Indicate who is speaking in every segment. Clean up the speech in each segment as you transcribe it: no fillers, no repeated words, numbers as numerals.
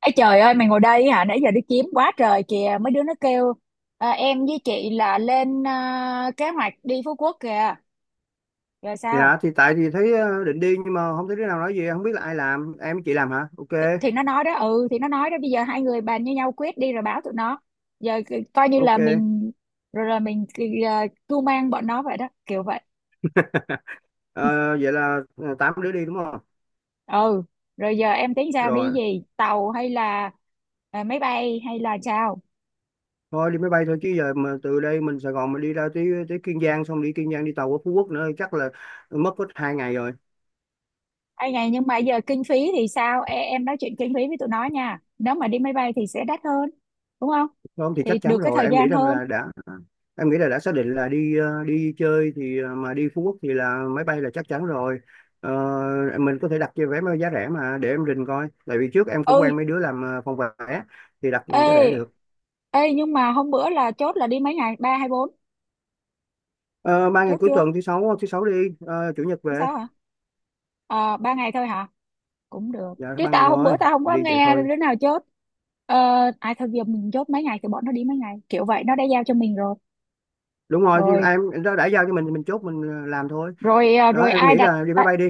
Speaker 1: Ê trời ơi, mày ngồi đây hả? Nãy giờ đi kiếm quá trời kìa, mấy đứa nó kêu em với chị là lên kế hoạch đi Phú Quốc kìa. Rồi sao?
Speaker 2: Dạ thì tại thì thấy định đi, nhưng mà không thấy đứa nào nói gì, không biết là ai làm. Em với chị làm hả?
Speaker 1: thì,
Speaker 2: Ok,
Speaker 1: thì nó nói đó. Ừ thì nó nói đó, bây giờ hai người bàn với nhau quyết đi rồi báo tụi nó. Giờ coi như là
Speaker 2: ok.
Speaker 1: mình, rồi là mình cưu mang bọn nó vậy đó, kiểu vậy.
Speaker 2: Ờ, vậy là tám đứa đi đúng không?
Speaker 1: Ừ. Rồi giờ em tính sao, đi
Speaker 2: Rồi,
Speaker 1: gì, tàu hay là máy bay hay là sao?
Speaker 2: thôi đi máy bay thôi, chứ giờ mà từ đây mình Sài Gòn mình đi ra tới tới Kiên Giang, xong đi Kiên Giang đi tàu qua Phú Quốc nữa chắc là mất hết 2 ngày rồi.
Speaker 1: Ê này, nhưng mà giờ kinh phí thì sao? Ê, em nói chuyện kinh phí với tụi nó nha. Nếu mà đi máy bay thì sẽ đắt hơn, đúng không?
Speaker 2: Không thì
Speaker 1: Thì
Speaker 2: chắc
Speaker 1: được
Speaker 2: chắn
Speaker 1: cái
Speaker 2: rồi,
Speaker 1: thời
Speaker 2: em nghĩ
Speaker 1: gian
Speaker 2: rằng
Speaker 1: hơn.
Speaker 2: là đã, em nghĩ là đã xác định là đi đi chơi thì mà đi Phú Quốc thì là máy bay là chắc chắn rồi. Ờ, mình có thể đặt cho vé máy giá rẻ mà, để em rình coi, tại vì trước em cũng
Speaker 1: Ừ,
Speaker 2: quen mấy đứa làm phòng vé, thì đặt giá rẻ
Speaker 1: ê,
Speaker 2: được.
Speaker 1: ê nhưng mà hôm bữa là chốt là đi mấy ngày? Ba hay bốn?
Speaker 2: Ờ, ba ngày
Speaker 1: Chốt
Speaker 2: cuối
Speaker 1: chưa?
Speaker 2: tuần, thứ sáu đi, chủ nhật
Speaker 1: Chứ
Speaker 2: về,
Speaker 1: sao hả? Ờ, ba ngày thôi hả? Cũng được.
Speaker 2: dạ
Speaker 1: Chứ
Speaker 2: 3 ngày
Speaker 1: tao hôm bữa
Speaker 2: thôi,
Speaker 1: tao không có
Speaker 2: đi vậy
Speaker 1: nghe
Speaker 2: thôi.
Speaker 1: đứa nào chốt. Ờ, ai thôi giờ mình chốt mấy ngày thì bọn nó đi mấy ngày. Kiểu vậy, nó đã giao cho mình rồi.
Speaker 2: Đúng rồi, thì
Speaker 1: Rồi,
Speaker 2: em, nó đã giao cho mình thì mình chốt mình làm thôi.
Speaker 1: rồi
Speaker 2: Đó,
Speaker 1: rồi
Speaker 2: em
Speaker 1: ai
Speaker 2: nghĩ
Speaker 1: đặt
Speaker 2: là đi máy bay đi,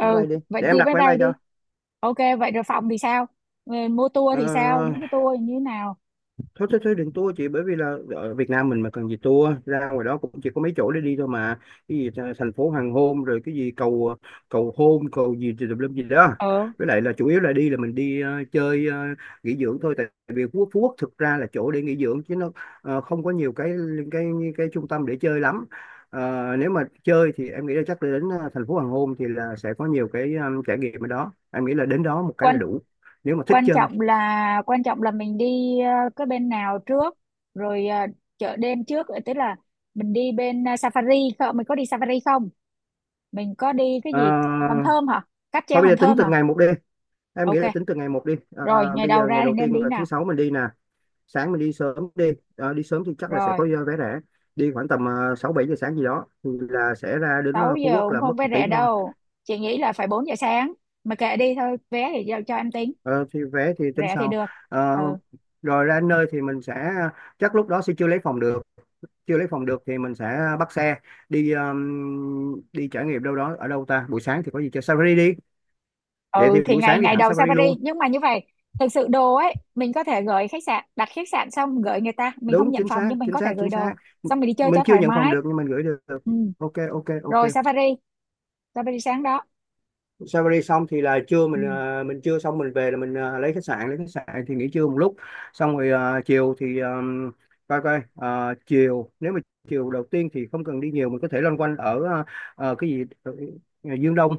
Speaker 2: máy bay đi
Speaker 1: vậy
Speaker 2: để em
Speaker 1: thì
Speaker 2: đặt
Speaker 1: bye
Speaker 2: vé máy bay
Speaker 1: bye đi.
Speaker 2: cho.
Speaker 1: Ok, vậy rồi phòng thì sao? Ờ, mua tour
Speaker 2: Ờ,
Speaker 1: thì sao, những cái tour như thế nào?
Speaker 2: thôi thôi thôi đừng tour chị, bởi vì là ở Việt Nam mình mà cần gì tour, ra ngoài đó cũng chỉ có mấy chỗ để đi thôi mà, cái gì thành phố hoàng hôn, rồi cái gì cầu cầu hôn cầu gì thì tùm lum gì đó.
Speaker 1: Ờ,
Speaker 2: Với lại là chủ yếu là đi là mình đi chơi nghỉ dưỡng thôi, tại vì Phú Quốc thực ra là chỗ để nghỉ dưỡng, chứ nó không có nhiều cái cái trung tâm để chơi lắm. Ờ, nếu mà chơi thì em nghĩ là chắc là đến thành phố hoàng hôn thì là sẽ có nhiều cái trải nghiệm ở đó, em nghĩ là đến đó một cái là
Speaker 1: quan
Speaker 2: đủ, nếu mà thích chơi.
Speaker 1: quan trọng là mình đi cái bên nào trước, rồi chợ đêm trước tức là mình đi bên safari không, mình có đi safari không, mình có đi cái
Speaker 2: Ờ,
Speaker 1: gì, hòn thơm hả? Cáp
Speaker 2: thôi
Speaker 1: treo
Speaker 2: bây giờ
Speaker 1: hòn
Speaker 2: tính
Speaker 1: thơm
Speaker 2: từng
Speaker 1: hả?
Speaker 2: ngày một đi, em nghĩ
Speaker 1: Ok.
Speaker 2: là tính từ ngày một đi. Ờ,
Speaker 1: Rồi ngày
Speaker 2: bây
Speaker 1: đầu
Speaker 2: giờ
Speaker 1: ra
Speaker 2: ngày
Speaker 1: thì
Speaker 2: đầu
Speaker 1: nên
Speaker 2: tiên
Speaker 1: đi
Speaker 2: là thứ
Speaker 1: nào?
Speaker 2: sáu mình đi nè, sáng mình đi sớm đi. Ờ, đi sớm thì chắc là sẽ
Speaker 1: Rồi,
Speaker 2: có vé rẻ, đi khoảng tầm sáu bảy giờ sáng gì đó, thì là sẽ ra đến
Speaker 1: 6
Speaker 2: Phú
Speaker 1: giờ
Speaker 2: Quốc
Speaker 1: cũng
Speaker 2: là mất
Speaker 1: không phải
Speaker 2: một
Speaker 1: rẻ
Speaker 2: tiếng thôi.
Speaker 1: đâu, chị nghĩ là phải 4 giờ sáng. Mà kệ đi, thôi vé thì giao cho em tính,
Speaker 2: Ờ, thì vé thì tính
Speaker 1: rẻ thì
Speaker 2: sau.
Speaker 1: được.
Speaker 2: Ờ,
Speaker 1: Ừ.
Speaker 2: rồi ra đến nơi thì mình sẽ, chắc lúc đó sẽ chưa lấy phòng được, chưa lấy phòng được thì mình sẽ bắt xe đi đi trải nghiệm đâu đó. Ở đâu ta, buổi sáng thì có gì chơi? Safari đi, vậy
Speaker 1: Ừ
Speaker 2: thì
Speaker 1: thì
Speaker 2: buổi
Speaker 1: ngày
Speaker 2: sáng đi
Speaker 1: ngày
Speaker 2: thẳng
Speaker 1: đầu sang
Speaker 2: Safari luôn.
Speaker 1: Paris nhưng mà như vậy. Thực sự đồ ấy mình có thể gửi khách sạn, đặt khách sạn xong gửi người ta, mình không
Speaker 2: Đúng,
Speaker 1: nhận
Speaker 2: chính
Speaker 1: phòng
Speaker 2: xác
Speaker 1: nhưng mình
Speaker 2: chính
Speaker 1: có thể
Speaker 2: xác
Speaker 1: gửi
Speaker 2: chính
Speaker 1: đồ,
Speaker 2: xác. M-
Speaker 1: xong mình đi chơi
Speaker 2: mình
Speaker 1: cho
Speaker 2: chưa
Speaker 1: thoải
Speaker 2: nhận phòng
Speaker 1: mái.
Speaker 2: được nhưng mình gửi được.
Speaker 1: Ừ.
Speaker 2: Ok, ok, ok.
Speaker 1: Rồi safari, safari sáng đó.
Speaker 2: Salary xong thì là trưa
Speaker 1: Ừ.
Speaker 2: mình mình trưa xong mình về là mình lấy khách sạn, thì nghỉ trưa một lúc, xong rồi chiều thì coi coi, chiều nếu mà chiều đầu tiên thì không cần đi nhiều, mình có thể loanh quanh ở cái gì Dương Đông,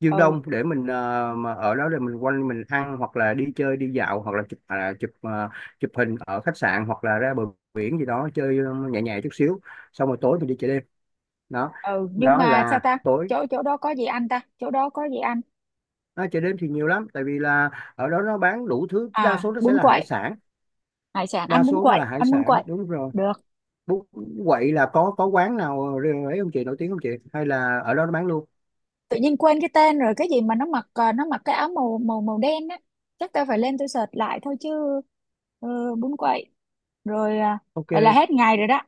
Speaker 1: Ừ.
Speaker 2: Để mình mà ở đó để mình quanh mình ăn hoặc là đi chơi đi dạo hoặc là chụp, chụp chụp hình ở khách sạn hoặc là ra bờ biển gì đó, chơi nhẹ nhẹ chút xíu, xong rồi tối mình đi chợ đêm đó.
Speaker 1: Ừ nhưng
Speaker 2: Đó
Speaker 1: mà sao
Speaker 2: là
Speaker 1: ta,
Speaker 2: tối.
Speaker 1: chỗ chỗ đó có gì ăn ta, chỗ đó có gì ăn?
Speaker 2: À, chợ đêm thì nhiều lắm, tại vì là ở đó nó bán đủ thứ,
Speaker 1: À
Speaker 2: đa số nó sẽ
Speaker 1: bún
Speaker 2: là
Speaker 1: quậy,
Speaker 2: hải sản,
Speaker 1: hải sản
Speaker 2: đa
Speaker 1: ăn bún
Speaker 2: số nó
Speaker 1: quậy,
Speaker 2: là hải
Speaker 1: ăn bún
Speaker 2: sản
Speaker 1: quậy
Speaker 2: đúng rồi.
Speaker 1: được.
Speaker 2: Bún quậy là có quán nào ấy không chị, nổi tiếng không chị, hay là ở đó nó bán luôn?
Speaker 1: Tự nhiên quên cái tên rồi, cái gì mà nó mặc nó mặc cái áo màu màu màu đen á. Chắc tao phải lên, tôi search lại thôi chứ. Ừ, bún quậy. Rồi vậy là
Speaker 2: Ok.
Speaker 1: hết ngày rồi đó.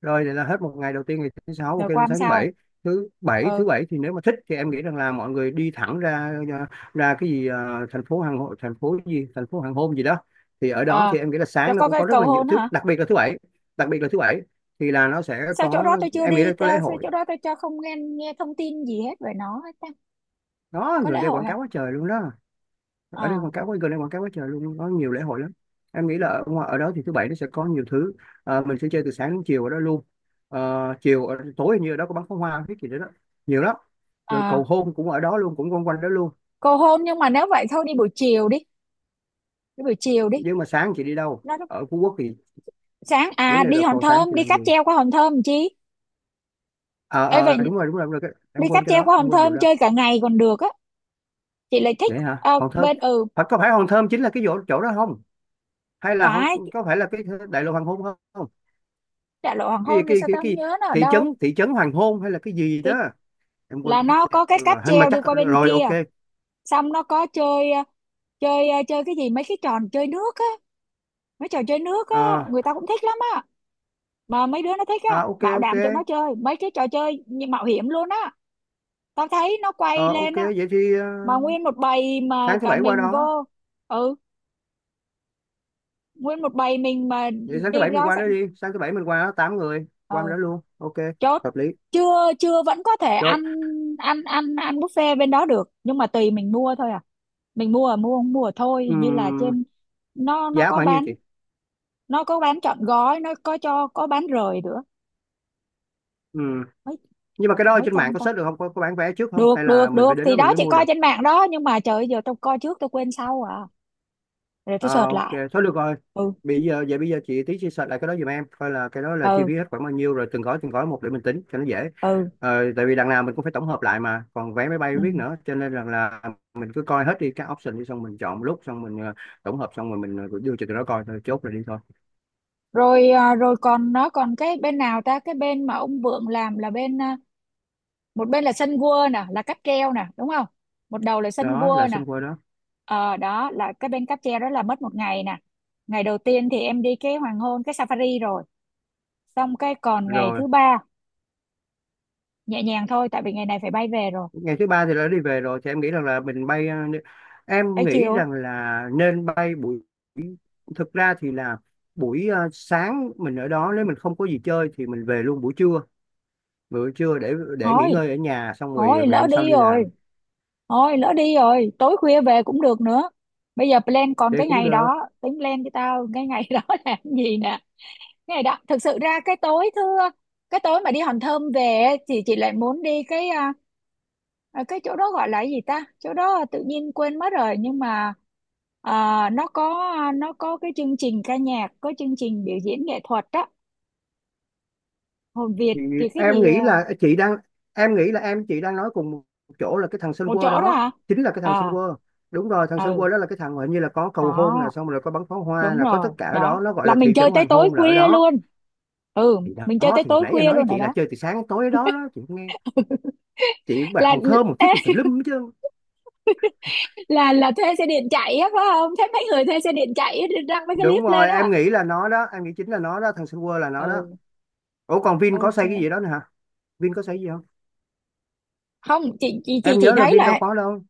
Speaker 2: Rồi vậy là hết một ngày đầu tiên, ngày thứ sáu,
Speaker 1: Rồi
Speaker 2: ok.
Speaker 1: qua
Speaker 2: Lên
Speaker 1: hôm
Speaker 2: sáng thứ
Speaker 1: sau.
Speaker 2: bảy, thứ bảy
Speaker 1: Ừ.
Speaker 2: thứ bảy thì nếu mà thích thì em nghĩ rằng là mọi người đi thẳng ra ra cái gì thành phố hàng hội, thành phố gì, thành phố hàng hôm gì đó. Thì ở đó
Speaker 1: À,
Speaker 2: thì em nghĩ là
Speaker 1: cho
Speaker 2: sáng nó
Speaker 1: có
Speaker 2: cũng
Speaker 1: cái
Speaker 2: có rất
Speaker 1: cầu
Speaker 2: là nhiều
Speaker 1: hôn
Speaker 2: thứ,
Speaker 1: hả?
Speaker 2: đặc biệt là thứ bảy. đặc biệt là thứ bảy thì là nó sẽ
Speaker 1: Sao chỗ
Speaker 2: có,
Speaker 1: đó tôi chưa
Speaker 2: em nghĩ
Speaker 1: đi
Speaker 2: là có lễ
Speaker 1: ta, sao
Speaker 2: hội
Speaker 1: chỗ đó tôi cho không nghe, nghe thông tin gì hết về nó hết ta.
Speaker 2: đó.
Speaker 1: Có
Speaker 2: Người
Speaker 1: lễ
Speaker 2: đây
Speaker 1: hội
Speaker 2: quảng
Speaker 1: hả?
Speaker 2: cáo quá trời luôn đó, ở đây
Speaker 1: À.
Speaker 2: quảng cáo quá gần đây quảng cáo quá trời luôn, có nhiều lễ hội lắm. Em nghĩ là ở đó thì thứ bảy nó sẽ có nhiều thứ. Ờ, mình sẽ chơi từ sáng đến chiều ở đó luôn. Ờ, chiều tối hình như ở đó có bắn pháo hoa cái gì đó, đó nhiều lắm. Rồi cầu
Speaker 1: À,
Speaker 2: hôn cũng ở đó luôn, cũng quanh quanh đó luôn.
Speaker 1: cầu hôn nhưng mà nếu vậy thôi đi buổi chiều đi, đi buổi chiều đi.
Speaker 2: Nhưng mà sáng chị đi đâu
Speaker 1: Nó
Speaker 2: ở Phú Quốc thì,
Speaker 1: sáng
Speaker 2: vấn
Speaker 1: à,
Speaker 2: đề
Speaker 1: đi
Speaker 2: là
Speaker 1: Hòn
Speaker 2: vào sáng
Speaker 1: Thơm,
Speaker 2: chị
Speaker 1: đi
Speaker 2: làm
Speaker 1: cáp
Speaker 2: gì?
Speaker 1: treo qua Hòn Thơm làm chi.
Speaker 2: Ờ
Speaker 1: Ê
Speaker 2: ờ
Speaker 1: vậy,
Speaker 2: đúng rồi đúng rồi, đúng rồi. Cái, em
Speaker 1: đi cáp
Speaker 2: quên cái
Speaker 1: treo
Speaker 2: đó,
Speaker 1: qua
Speaker 2: em
Speaker 1: Hòn
Speaker 2: quên vụ
Speaker 1: Thơm
Speaker 2: đó.
Speaker 1: chơi cả ngày còn được á, chị lại thích.
Speaker 2: Vậy hả
Speaker 1: Ờ,
Speaker 2: Hòn Thơm,
Speaker 1: bên ừ.
Speaker 2: phải có phải Hòn Thơm chính là cái chỗ chỗ đó không, hay là Hòn,
Speaker 1: Phải.
Speaker 2: có phải là cái đại lộ hoàng hôn không?
Speaker 1: Đại lộ hoàng
Speaker 2: cái
Speaker 1: hôn thì
Speaker 2: cái
Speaker 1: sao,
Speaker 2: cái,
Speaker 1: tao không
Speaker 2: cái
Speaker 1: nhớ nó ở
Speaker 2: thị trấn
Speaker 1: đâu.
Speaker 2: thị trấn hoàng hôn hay là cái gì
Speaker 1: Thì
Speaker 2: đó, em quên
Speaker 1: là
Speaker 2: mất
Speaker 1: nó có cái
Speaker 2: tiêu
Speaker 1: cáp
Speaker 2: rồi, nhưng mà
Speaker 1: treo đi
Speaker 2: chắc
Speaker 1: qua bên
Speaker 2: rồi
Speaker 1: kia,
Speaker 2: ok.
Speaker 1: xong nó có chơi chơi chơi cái gì, mấy cái tròn, chơi nước á, mấy trò chơi nước á.
Speaker 2: Ờ,
Speaker 1: Người ta cũng thích lắm á. Mà mấy đứa nó thích
Speaker 2: à,
Speaker 1: á,
Speaker 2: ok,
Speaker 1: bảo
Speaker 2: ok.
Speaker 1: đảm tụi nó chơi mấy cái trò chơi như mạo hiểm luôn á, tao thấy nó quay
Speaker 2: Ờ, ok,
Speaker 1: lên á.
Speaker 2: vậy thì
Speaker 1: Mà nguyên một bầy mà
Speaker 2: sáng thứ
Speaker 1: cả
Speaker 2: bảy qua
Speaker 1: mình
Speaker 2: đó,
Speaker 1: vô. Ừ, nguyên một bầy mình mà.
Speaker 2: vậy sáng thứ
Speaker 1: Đi
Speaker 2: bảy mình
Speaker 1: đó
Speaker 2: qua
Speaker 1: sẽ.
Speaker 2: đó đi, sáng thứ bảy mình qua đó, tám người qua
Speaker 1: Ừ,
Speaker 2: đó luôn, ok.
Speaker 1: chốt.
Speaker 2: Hợp lý.
Speaker 1: Chưa chưa, vẫn có thể ăn,
Speaker 2: Chốt.
Speaker 1: ăn ăn buffet bên đó được, nhưng mà tùy mình mua thôi à. Mình mua, mua không mua thôi, hình như là
Speaker 2: Ừm,
Speaker 1: trên, nó
Speaker 2: giá
Speaker 1: có
Speaker 2: khoảng nhiêu
Speaker 1: bán.
Speaker 2: chị?
Speaker 1: Nó có bán trọn gói, nó có cho có bán rời nữa.
Speaker 2: Ừm,
Speaker 1: mấy
Speaker 2: nhưng mà cái đó ở
Speaker 1: mấy
Speaker 2: trên mạng
Speaker 1: trăm
Speaker 2: có
Speaker 1: ta?
Speaker 2: search được không, có bán vé trước không, hay
Speaker 1: Được
Speaker 2: là
Speaker 1: được
Speaker 2: mình
Speaker 1: được,
Speaker 2: phải đến đó
Speaker 1: thì
Speaker 2: mình
Speaker 1: đó
Speaker 2: mới
Speaker 1: chị
Speaker 2: mua
Speaker 1: coi
Speaker 2: được?
Speaker 1: trên mạng đó, nhưng mà trời ơi, giờ tôi coi trước tôi quên sau à, rồi tôi
Speaker 2: Ờ,
Speaker 1: search
Speaker 2: ok,
Speaker 1: lại.
Speaker 2: thôi được rồi.
Speaker 1: Ừ.
Speaker 2: Bây giờ vậy bây giờ chị tí chia sẻ lại cái đó giùm em coi, là cái đó là chi
Speaker 1: Ừ.
Speaker 2: phí hết khoảng bao nhiêu, rồi từng gói một để mình tính cho nó dễ.
Speaker 1: Ừ.
Speaker 2: Ờ, tại vì đằng nào mình cũng phải tổng hợp lại mà còn vé máy bay
Speaker 1: Ừ.
Speaker 2: biết nữa, cho nên là mình cứ coi hết đi các option đi, xong mình chọn một lúc, xong mình tổng hợp xong rồi mình đưa cho tụi nó coi thôi, chốt rồi đi thôi.
Speaker 1: Rồi rồi còn nó còn cái bên nào ta, cái bên mà ông Vượng làm là bên một bên là sân gua nè, là cáp treo nè, đúng không? Một đầu là sân
Speaker 2: Đó
Speaker 1: gua
Speaker 2: là
Speaker 1: nè.
Speaker 2: xung quanh đó.
Speaker 1: Ờ, đó là cái bên cáp treo, đó là mất một ngày nè. Ngày đầu tiên thì em đi cái hoàng hôn, cái safari rồi, xong cái còn ngày
Speaker 2: Rồi
Speaker 1: thứ ba nhẹ nhàng thôi tại vì ngày này phải bay về rồi.
Speaker 2: ngày thứ ba thì đã đi về rồi thì em nghĩ rằng là mình bay em
Speaker 1: Tới
Speaker 2: nghĩ
Speaker 1: chiều.
Speaker 2: rằng là nên bay buổi, thực ra thì là buổi sáng mình ở đó, nếu mình không có gì chơi thì mình về luôn buổi trưa, buổi trưa để nghỉ
Speaker 1: Thôi,
Speaker 2: ngơi ở nhà, xong rồi
Speaker 1: thôi
Speaker 2: ngày
Speaker 1: lỡ
Speaker 2: hôm sau
Speaker 1: đi
Speaker 2: đi
Speaker 1: rồi,
Speaker 2: làm.
Speaker 1: thôi lỡ đi rồi tối khuya về cũng được nữa. Bây giờ plan, còn
Speaker 2: Đây
Speaker 1: cái
Speaker 2: cũng
Speaker 1: ngày
Speaker 2: được.
Speaker 1: đó tính plan cho tao cái ngày đó là cái gì nè. Này đó thực sự ra cái tối thưa, cái tối mà đi Hòn Thơm về ấy, thì chị lại muốn đi cái cái chỗ đó gọi là cái gì ta, chỗ đó tự nhiên quên mất rồi nhưng mà nó có, nó có cái chương trình ca nhạc, có chương trình biểu diễn nghệ thuật á. Hồn Việt
Speaker 2: Thì
Speaker 1: thì cái
Speaker 2: em
Speaker 1: gì
Speaker 2: nghĩ là chị đang, em nghĩ là em chị đang nói cùng một chỗ là cái thằng Sun
Speaker 1: một
Speaker 2: World
Speaker 1: chỗ đó
Speaker 2: đó,
Speaker 1: hả?
Speaker 2: chính là cái thằng Sun
Speaker 1: À.
Speaker 2: World. Đúng rồi, thằng Sun
Speaker 1: Ừ.
Speaker 2: World đó là cái thằng mà hình như là có cầu hôn là
Speaker 1: Đó.
Speaker 2: xong rồi có bắn pháo hoa,
Speaker 1: Đúng
Speaker 2: là có
Speaker 1: rồi,
Speaker 2: tất cả ở
Speaker 1: đó
Speaker 2: đó, nó gọi
Speaker 1: là
Speaker 2: là
Speaker 1: mình
Speaker 2: thị trấn
Speaker 1: chơi tới
Speaker 2: hoàng
Speaker 1: tối
Speaker 2: hôn là ở
Speaker 1: khuya
Speaker 2: đó.
Speaker 1: luôn. Ừ,
Speaker 2: Thì
Speaker 1: mình chơi
Speaker 2: đó
Speaker 1: tới
Speaker 2: thì
Speaker 1: tối
Speaker 2: nãy em
Speaker 1: khuya
Speaker 2: nói với
Speaker 1: luôn ở
Speaker 2: chị là
Speaker 1: đó.
Speaker 2: chơi từ sáng đến tối đó, đó chị nghe, chị bài
Speaker 1: Là
Speaker 2: hòn thơm một thiết gì tùm lum hết trơn.
Speaker 1: là thuê xe điện chạy á phải không, thế mấy người thuê xe điện chạy á, đăng mấy cái
Speaker 2: Đúng
Speaker 1: clip lên
Speaker 2: rồi em
Speaker 1: á.
Speaker 2: nghĩ là nó đó, em nghĩ chính là nó đó, thằng Sun World là nó đó.
Speaker 1: Ừ.
Speaker 2: Ủa còn Vin có
Speaker 1: Ok.
Speaker 2: xây cái gì đó nữa hả? Vin có xây gì không?
Speaker 1: Không, chị chị chị
Speaker 2: Em
Speaker 1: chị
Speaker 2: nhớ là
Speaker 1: thấy
Speaker 2: Vin đâu
Speaker 1: là.
Speaker 2: có đâu,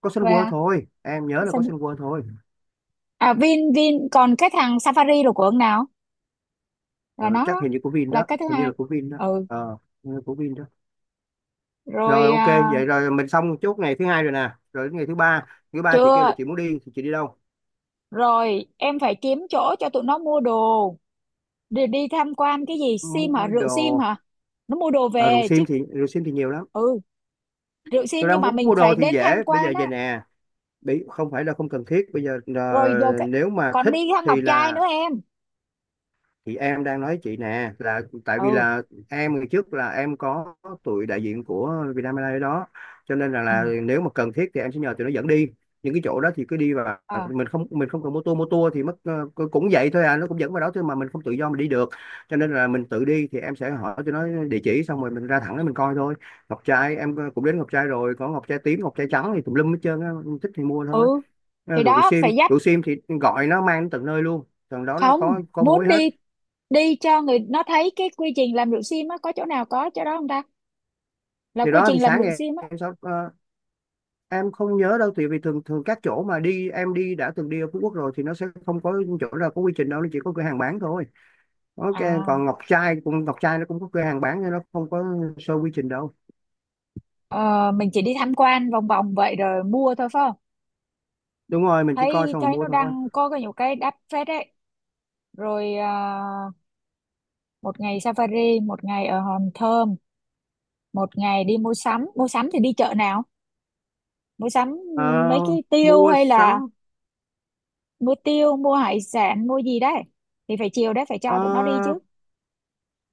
Speaker 2: có Sun
Speaker 1: Về
Speaker 2: World thôi, em nhớ là
Speaker 1: sao
Speaker 2: có
Speaker 1: nhỉ?
Speaker 2: Sun World thôi.
Speaker 1: À, Vin, Vin còn cái thằng Safari rồi, của ông nào, là
Speaker 2: Ờ,
Speaker 1: nó
Speaker 2: chắc
Speaker 1: đó,
Speaker 2: hình như của Vin
Speaker 1: là
Speaker 2: đó,
Speaker 1: cái thứ
Speaker 2: hình như
Speaker 1: hai.
Speaker 2: là của Vin đó.
Speaker 1: Ừ.
Speaker 2: Ờ, hình như của Vin đó. Rồi
Speaker 1: Rồi
Speaker 2: ok vậy rồi mình xong chốt ngày thứ hai rồi nè, rồi đến ngày thứ ba. Thứ ba chị kêu là
Speaker 1: chưa,
Speaker 2: chị muốn đi thì chị đi đâu?
Speaker 1: rồi em phải kiếm chỗ cho tụi nó mua đồ, đi, đi tham quan cái gì sim hả,
Speaker 2: Mua
Speaker 1: rượu sim
Speaker 2: đồ.
Speaker 1: hả, nó mua đồ
Speaker 2: À,
Speaker 1: về chứ.
Speaker 2: rượu sim thì nhiều lắm.
Speaker 1: Ừ. Rượu sim
Speaker 2: Tôi
Speaker 1: nhưng
Speaker 2: đang
Speaker 1: mà
Speaker 2: muốn
Speaker 1: mình
Speaker 2: mua đồ
Speaker 1: phải
Speaker 2: thì
Speaker 1: đến tham
Speaker 2: dễ, bây
Speaker 1: quan
Speaker 2: giờ về
Speaker 1: á.
Speaker 2: nè, bị không phải là không cần thiết bây giờ
Speaker 1: Rồi giờ
Speaker 2: là,
Speaker 1: cái...
Speaker 2: nếu mà
Speaker 1: còn
Speaker 2: thích
Speaker 1: đi ra Ngọc
Speaker 2: thì
Speaker 1: Trai
Speaker 2: là,
Speaker 1: nữa em.
Speaker 2: chị em đang nói chị nè, là tại vì
Speaker 1: Ừ.
Speaker 2: là em ngày trước là em có tụi đại diện của Vietnam Airlines đó, cho nên là,
Speaker 1: Ừ.
Speaker 2: là nếu mà cần thiết thì em sẽ nhờ tụi nó dẫn đi những cái chỗ đó thì cứ đi, và
Speaker 1: À,
Speaker 2: mình không cần, mô tô thì mất cũng vậy thôi à, nó cũng dẫn vào đó thôi mà mình không tự do mình đi được, cho nên là mình tự đi thì em sẽ hỏi tụi nó địa chỉ, xong rồi mình ra thẳng đó mình coi thôi. Ngọc trai em cũng đến ngọc trai rồi, có ngọc trai tím ngọc trai trắng thì tùm lum hết trơn á, thích thì mua thôi.
Speaker 1: ừ.
Speaker 2: Ờ,
Speaker 1: Thì đó phải dắt,
Speaker 2: rượu sim thì gọi nó mang đến tận nơi luôn, tận đó nó
Speaker 1: không
Speaker 2: có
Speaker 1: muốn
Speaker 2: mối hết.
Speaker 1: đi, đi cho người nó thấy cái quy trình làm rượu sim á, có chỗ nào có chỗ đó không ta, là
Speaker 2: Thì
Speaker 1: quy
Speaker 2: đó thì
Speaker 1: trình làm
Speaker 2: sáng
Speaker 1: rượu
Speaker 2: ngày
Speaker 1: sim á.
Speaker 2: em sau, em không nhớ đâu, tại vì thường thường các chỗ mà đi em đi đã từng đi ở Phú Quốc rồi thì nó sẽ không có chỗ nào có quy trình đâu, nó chỉ có cửa hàng bán thôi. Ok.
Speaker 1: À.
Speaker 2: Còn Ngọc Trai nó cũng có cửa hàng bán nhưng nó không có show quy trình đâu.
Speaker 1: Ờ, mình chỉ đi tham quan vòng vòng vậy rồi mua thôi phải không?
Speaker 2: Đúng rồi, mình chỉ coi
Speaker 1: Thấy,
Speaker 2: xong rồi
Speaker 1: thấy
Speaker 2: mua
Speaker 1: nó
Speaker 2: thôi.
Speaker 1: đang có cái nhiều cái đắt phết đấy. Rồi một ngày safari, một ngày ở Hòn Thơm, một ngày đi mua sắm, mua sắm thì đi chợ nào? Mua sắm
Speaker 2: Ờ,
Speaker 1: mấy cái tiêu
Speaker 2: mua
Speaker 1: hay là
Speaker 2: sắm.
Speaker 1: mua tiêu, mua hải sản, mua gì đấy thì phải chiều đấy phải
Speaker 2: Ờ,
Speaker 1: cho tụi nó đi chứ.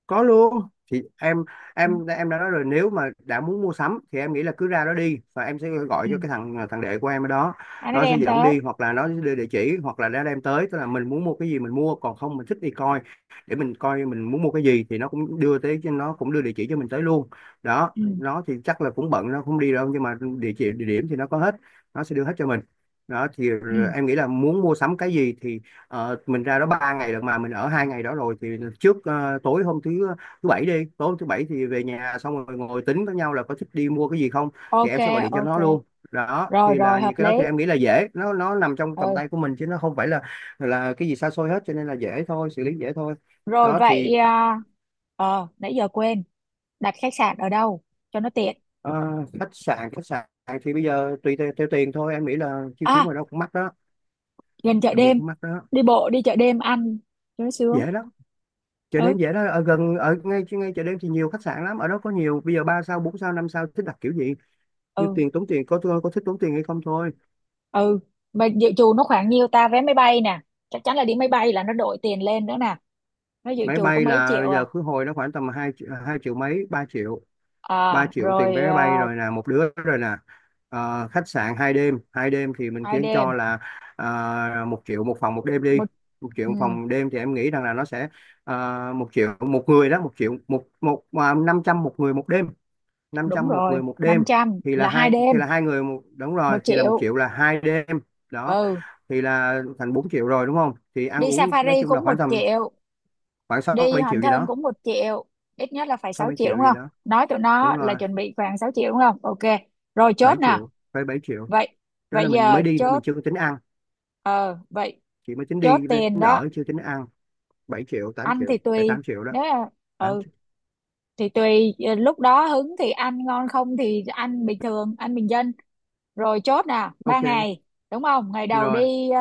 Speaker 2: có luôn. Thì em
Speaker 1: Ừ.
Speaker 2: em em đã nói rồi, nếu mà đã muốn mua sắm thì em nghĩ là cứ ra đó đi, và em sẽ gọi
Speaker 1: Ừ.
Speaker 2: cho cái thằng thằng đệ của em ở đó.
Speaker 1: À, nó
Speaker 2: Nó sẽ
Speaker 1: đem
Speaker 2: dẫn
Speaker 1: tới.
Speaker 2: đi, hoặc là nó sẽ đưa địa chỉ, hoặc là nó đem tới, tức là mình muốn mua cái gì mình mua, còn không mình thích đi coi, để mình coi mình muốn mua cái gì thì nó cũng đưa tới, nó cũng đưa địa chỉ cho mình tới luôn. Đó,
Speaker 1: Ừ.
Speaker 2: nó thì chắc là cũng bận, nó không đi đâu nhưng mà địa chỉ, địa điểm thì nó có hết. Nó sẽ đưa hết cho mình. Đó thì
Speaker 1: Ừ.
Speaker 2: em nghĩ là muốn mua sắm cái gì thì mình ra đó 3 ngày được mà mình ở 2 ngày đó rồi thì tối hôm thứ bảy đi, tối hôm thứ bảy thì về nhà xong rồi ngồi tính với nhau là có thích đi mua cái gì không, thì
Speaker 1: Ok.
Speaker 2: em sẽ gọi điện cho
Speaker 1: Ok.
Speaker 2: nó luôn. Đó
Speaker 1: Rồi,
Speaker 2: thì là
Speaker 1: rồi hợp
Speaker 2: những cái đó thì
Speaker 1: lý.
Speaker 2: em nghĩ là dễ, nó nằm trong tầm
Speaker 1: Ừ.
Speaker 2: tay của mình chứ nó không phải là cái gì xa xôi hết, cho nên là dễ thôi, xử lý dễ thôi.
Speaker 1: Rồi
Speaker 2: Đó thì
Speaker 1: vậy ờ nãy giờ quên, đặt khách sạn ở đâu cho nó tiện?
Speaker 2: ờ, khách sạn thì bây giờ tùy theo tiền thôi, em nghĩ là chi phí
Speaker 1: À,
Speaker 2: ngoài đó cũng mắc đó,
Speaker 1: gần chợ
Speaker 2: làm việc
Speaker 1: đêm,
Speaker 2: cũng mắc đó.
Speaker 1: đi bộ đi chợ đêm ăn cho nó sướng.
Speaker 2: Dễ lắm, chợ
Speaker 1: Ừ.
Speaker 2: đêm dễ đó, ở gần, ở ngay ngay chợ đêm thì nhiều khách sạn lắm, ở đó có nhiều, bây giờ ba sao bốn sao năm sao thích đặt kiểu gì. Như
Speaker 1: Ừ.
Speaker 2: tiền, tốn tiền, có thích tốn tiền hay không thôi.
Speaker 1: Ừ. Mà dự trù nó khoảng nhiêu ta, vé máy bay nè, chắc chắn là đi máy bay là nó đội tiền lên nữa nè, nó dự
Speaker 2: Máy
Speaker 1: trù có
Speaker 2: bay
Speaker 1: mấy
Speaker 2: là
Speaker 1: triệu
Speaker 2: bây giờ
Speaker 1: à?
Speaker 2: khứ hồi nó khoảng tầm hai hai triệu mấy, 3 triệu. Ba
Speaker 1: À
Speaker 2: triệu tiền
Speaker 1: rồi
Speaker 2: vé máy bay rồi nè, một đứa rồi nè. Khách sạn 2 đêm, 2 đêm thì mình kiến
Speaker 1: ID
Speaker 2: cho là à, 1 triệu một phòng 1 đêm đi.
Speaker 1: một.
Speaker 2: Một triệu
Speaker 1: Ừ,
Speaker 2: một phòng đêm thì em nghĩ rằng là nó sẽ à, 1 triệu một người đó, 1 triệu một một à, 500 một người 1 đêm. năm
Speaker 1: đúng
Speaker 2: trăm một
Speaker 1: rồi,
Speaker 2: người một đêm
Speaker 1: 500
Speaker 2: thì là
Speaker 1: là hai
Speaker 2: hai, thì
Speaker 1: đêm.
Speaker 2: là hai người một, đúng rồi,
Speaker 1: một
Speaker 2: thì là một
Speaker 1: triệu
Speaker 2: triệu là 2 đêm. Đó
Speaker 1: Ừ,
Speaker 2: thì là thành 4 triệu rồi đúng không, thì ăn
Speaker 1: đi
Speaker 2: uống nói
Speaker 1: safari
Speaker 2: chung là
Speaker 1: cũng
Speaker 2: khoảng
Speaker 1: một
Speaker 2: tầm
Speaker 1: triệu
Speaker 2: khoảng sáu
Speaker 1: đi
Speaker 2: bảy
Speaker 1: hòn
Speaker 2: triệu gì
Speaker 1: thơm
Speaker 2: đó.
Speaker 1: cũng 1.000.000, ít nhất là phải
Speaker 2: Sáu
Speaker 1: sáu
Speaker 2: bảy
Speaker 1: triệu đúng
Speaker 2: triệu gì
Speaker 1: không.
Speaker 2: đó.
Speaker 1: Nói tụi
Speaker 2: Đúng
Speaker 1: nó là
Speaker 2: rồi,
Speaker 1: chuẩn bị khoảng 6.000.000 đúng không, ok. Rồi chốt
Speaker 2: bảy
Speaker 1: nè.
Speaker 2: triệu phải 7 triệu.
Speaker 1: Vậy,
Speaker 2: Đó là
Speaker 1: vậy
Speaker 2: mình
Speaker 1: giờ
Speaker 2: mới đi thôi, mình
Speaker 1: chốt.
Speaker 2: chưa có tính ăn,
Speaker 1: Ờ vậy,
Speaker 2: chỉ mới tính
Speaker 1: chốt
Speaker 2: đi với
Speaker 1: tiền
Speaker 2: tính
Speaker 1: đó.
Speaker 2: ở chưa tính ăn. 7 triệu, tám
Speaker 1: Ăn
Speaker 2: triệu
Speaker 1: thì
Speaker 2: phải
Speaker 1: tùy,
Speaker 2: 8 triệu đó.
Speaker 1: nếu là,
Speaker 2: tám
Speaker 1: ừ,
Speaker 2: triệu.
Speaker 1: thì tùy lúc đó hứng thì ăn ngon, không thì ăn bình thường, ăn bình dân. Rồi chốt nè, ba
Speaker 2: Ok
Speaker 1: ngày đúng không, ngày đầu
Speaker 2: rồi.
Speaker 1: đi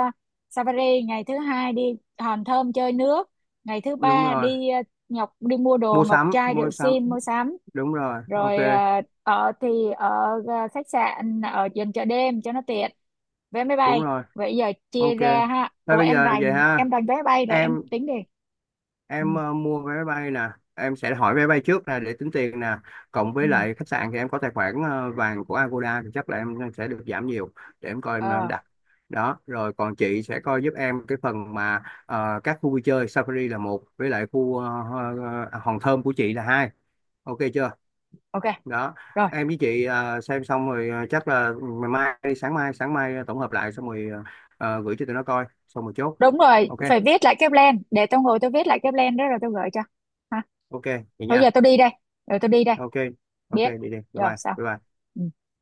Speaker 1: safari, ngày thứ hai đi Hòn Thơm chơi nước, ngày thứ
Speaker 2: Đúng
Speaker 1: ba
Speaker 2: rồi,
Speaker 1: đi Ngọc, đi mua đồ,
Speaker 2: mua
Speaker 1: ngọc
Speaker 2: sắm,
Speaker 1: trai,
Speaker 2: mua
Speaker 1: rượu
Speaker 2: sắm.
Speaker 1: sim, mua sắm.
Speaker 2: Đúng rồi, ok.
Speaker 1: Rồi ở thì ở khách sạn ở gần chợ đêm cho nó tiện, vé máy
Speaker 2: Đúng
Speaker 1: bay.
Speaker 2: rồi.
Speaker 1: Vậy giờ chia
Speaker 2: Ok.
Speaker 1: ra ha,
Speaker 2: Thôi
Speaker 1: ủa
Speaker 2: bây
Speaker 1: em
Speaker 2: giờ vậy
Speaker 1: rành, em
Speaker 2: ha.
Speaker 1: rành vé máy bay rồi em
Speaker 2: em
Speaker 1: tính đi. Ừ.
Speaker 2: em mua vé bay nè, em sẽ hỏi vé bay trước nè để tính tiền nè, cộng
Speaker 1: Ừ.
Speaker 2: với lại khách sạn thì em có tài khoản vàng của Agoda thì chắc là em sẽ được giảm nhiều. Để em coi em
Speaker 1: Ờ.
Speaker 2: đặt. Đó rồi còn chị sẽ coi giúp em cái phần mà các khu vui chơi Safari là một, với lại khu Hòn Thơm của chị là hai. Ok chưa.
Speaker 1: Ok.
Speaker 2: Đó.
Speaker 1: Rồi.
Speaker 2: Em với chị xem xong rồi chắc là ngày mai đi, sáng mai, sáng mai tổng hợp lại xong rồi gửi cho tụi nó coi xong rồi chốt.
Speaker 1: Đúng rồi,
Speaker 2: Ok.
Speaker 1: phải viết lại cái plan, để tôi ngồi tôi viết lại cái plan đó rồi tôi gửi cho. Ha.
Speaker 2: Ok, vậy
Speaker 1: Thôi giờ
Speaker 2: nha.
Speaker 1: tôi đi đây, rồi tôi đi đây.
Speaker 2: Ok. Ok,
Speaker 1: Biết.
Speaker 2: đi đi, bye
Speaker 1: Rồi
Speaker 2: bye
Speaker 1: sao.
Speaker 2: bye bye.
Speaker 1: Ừ.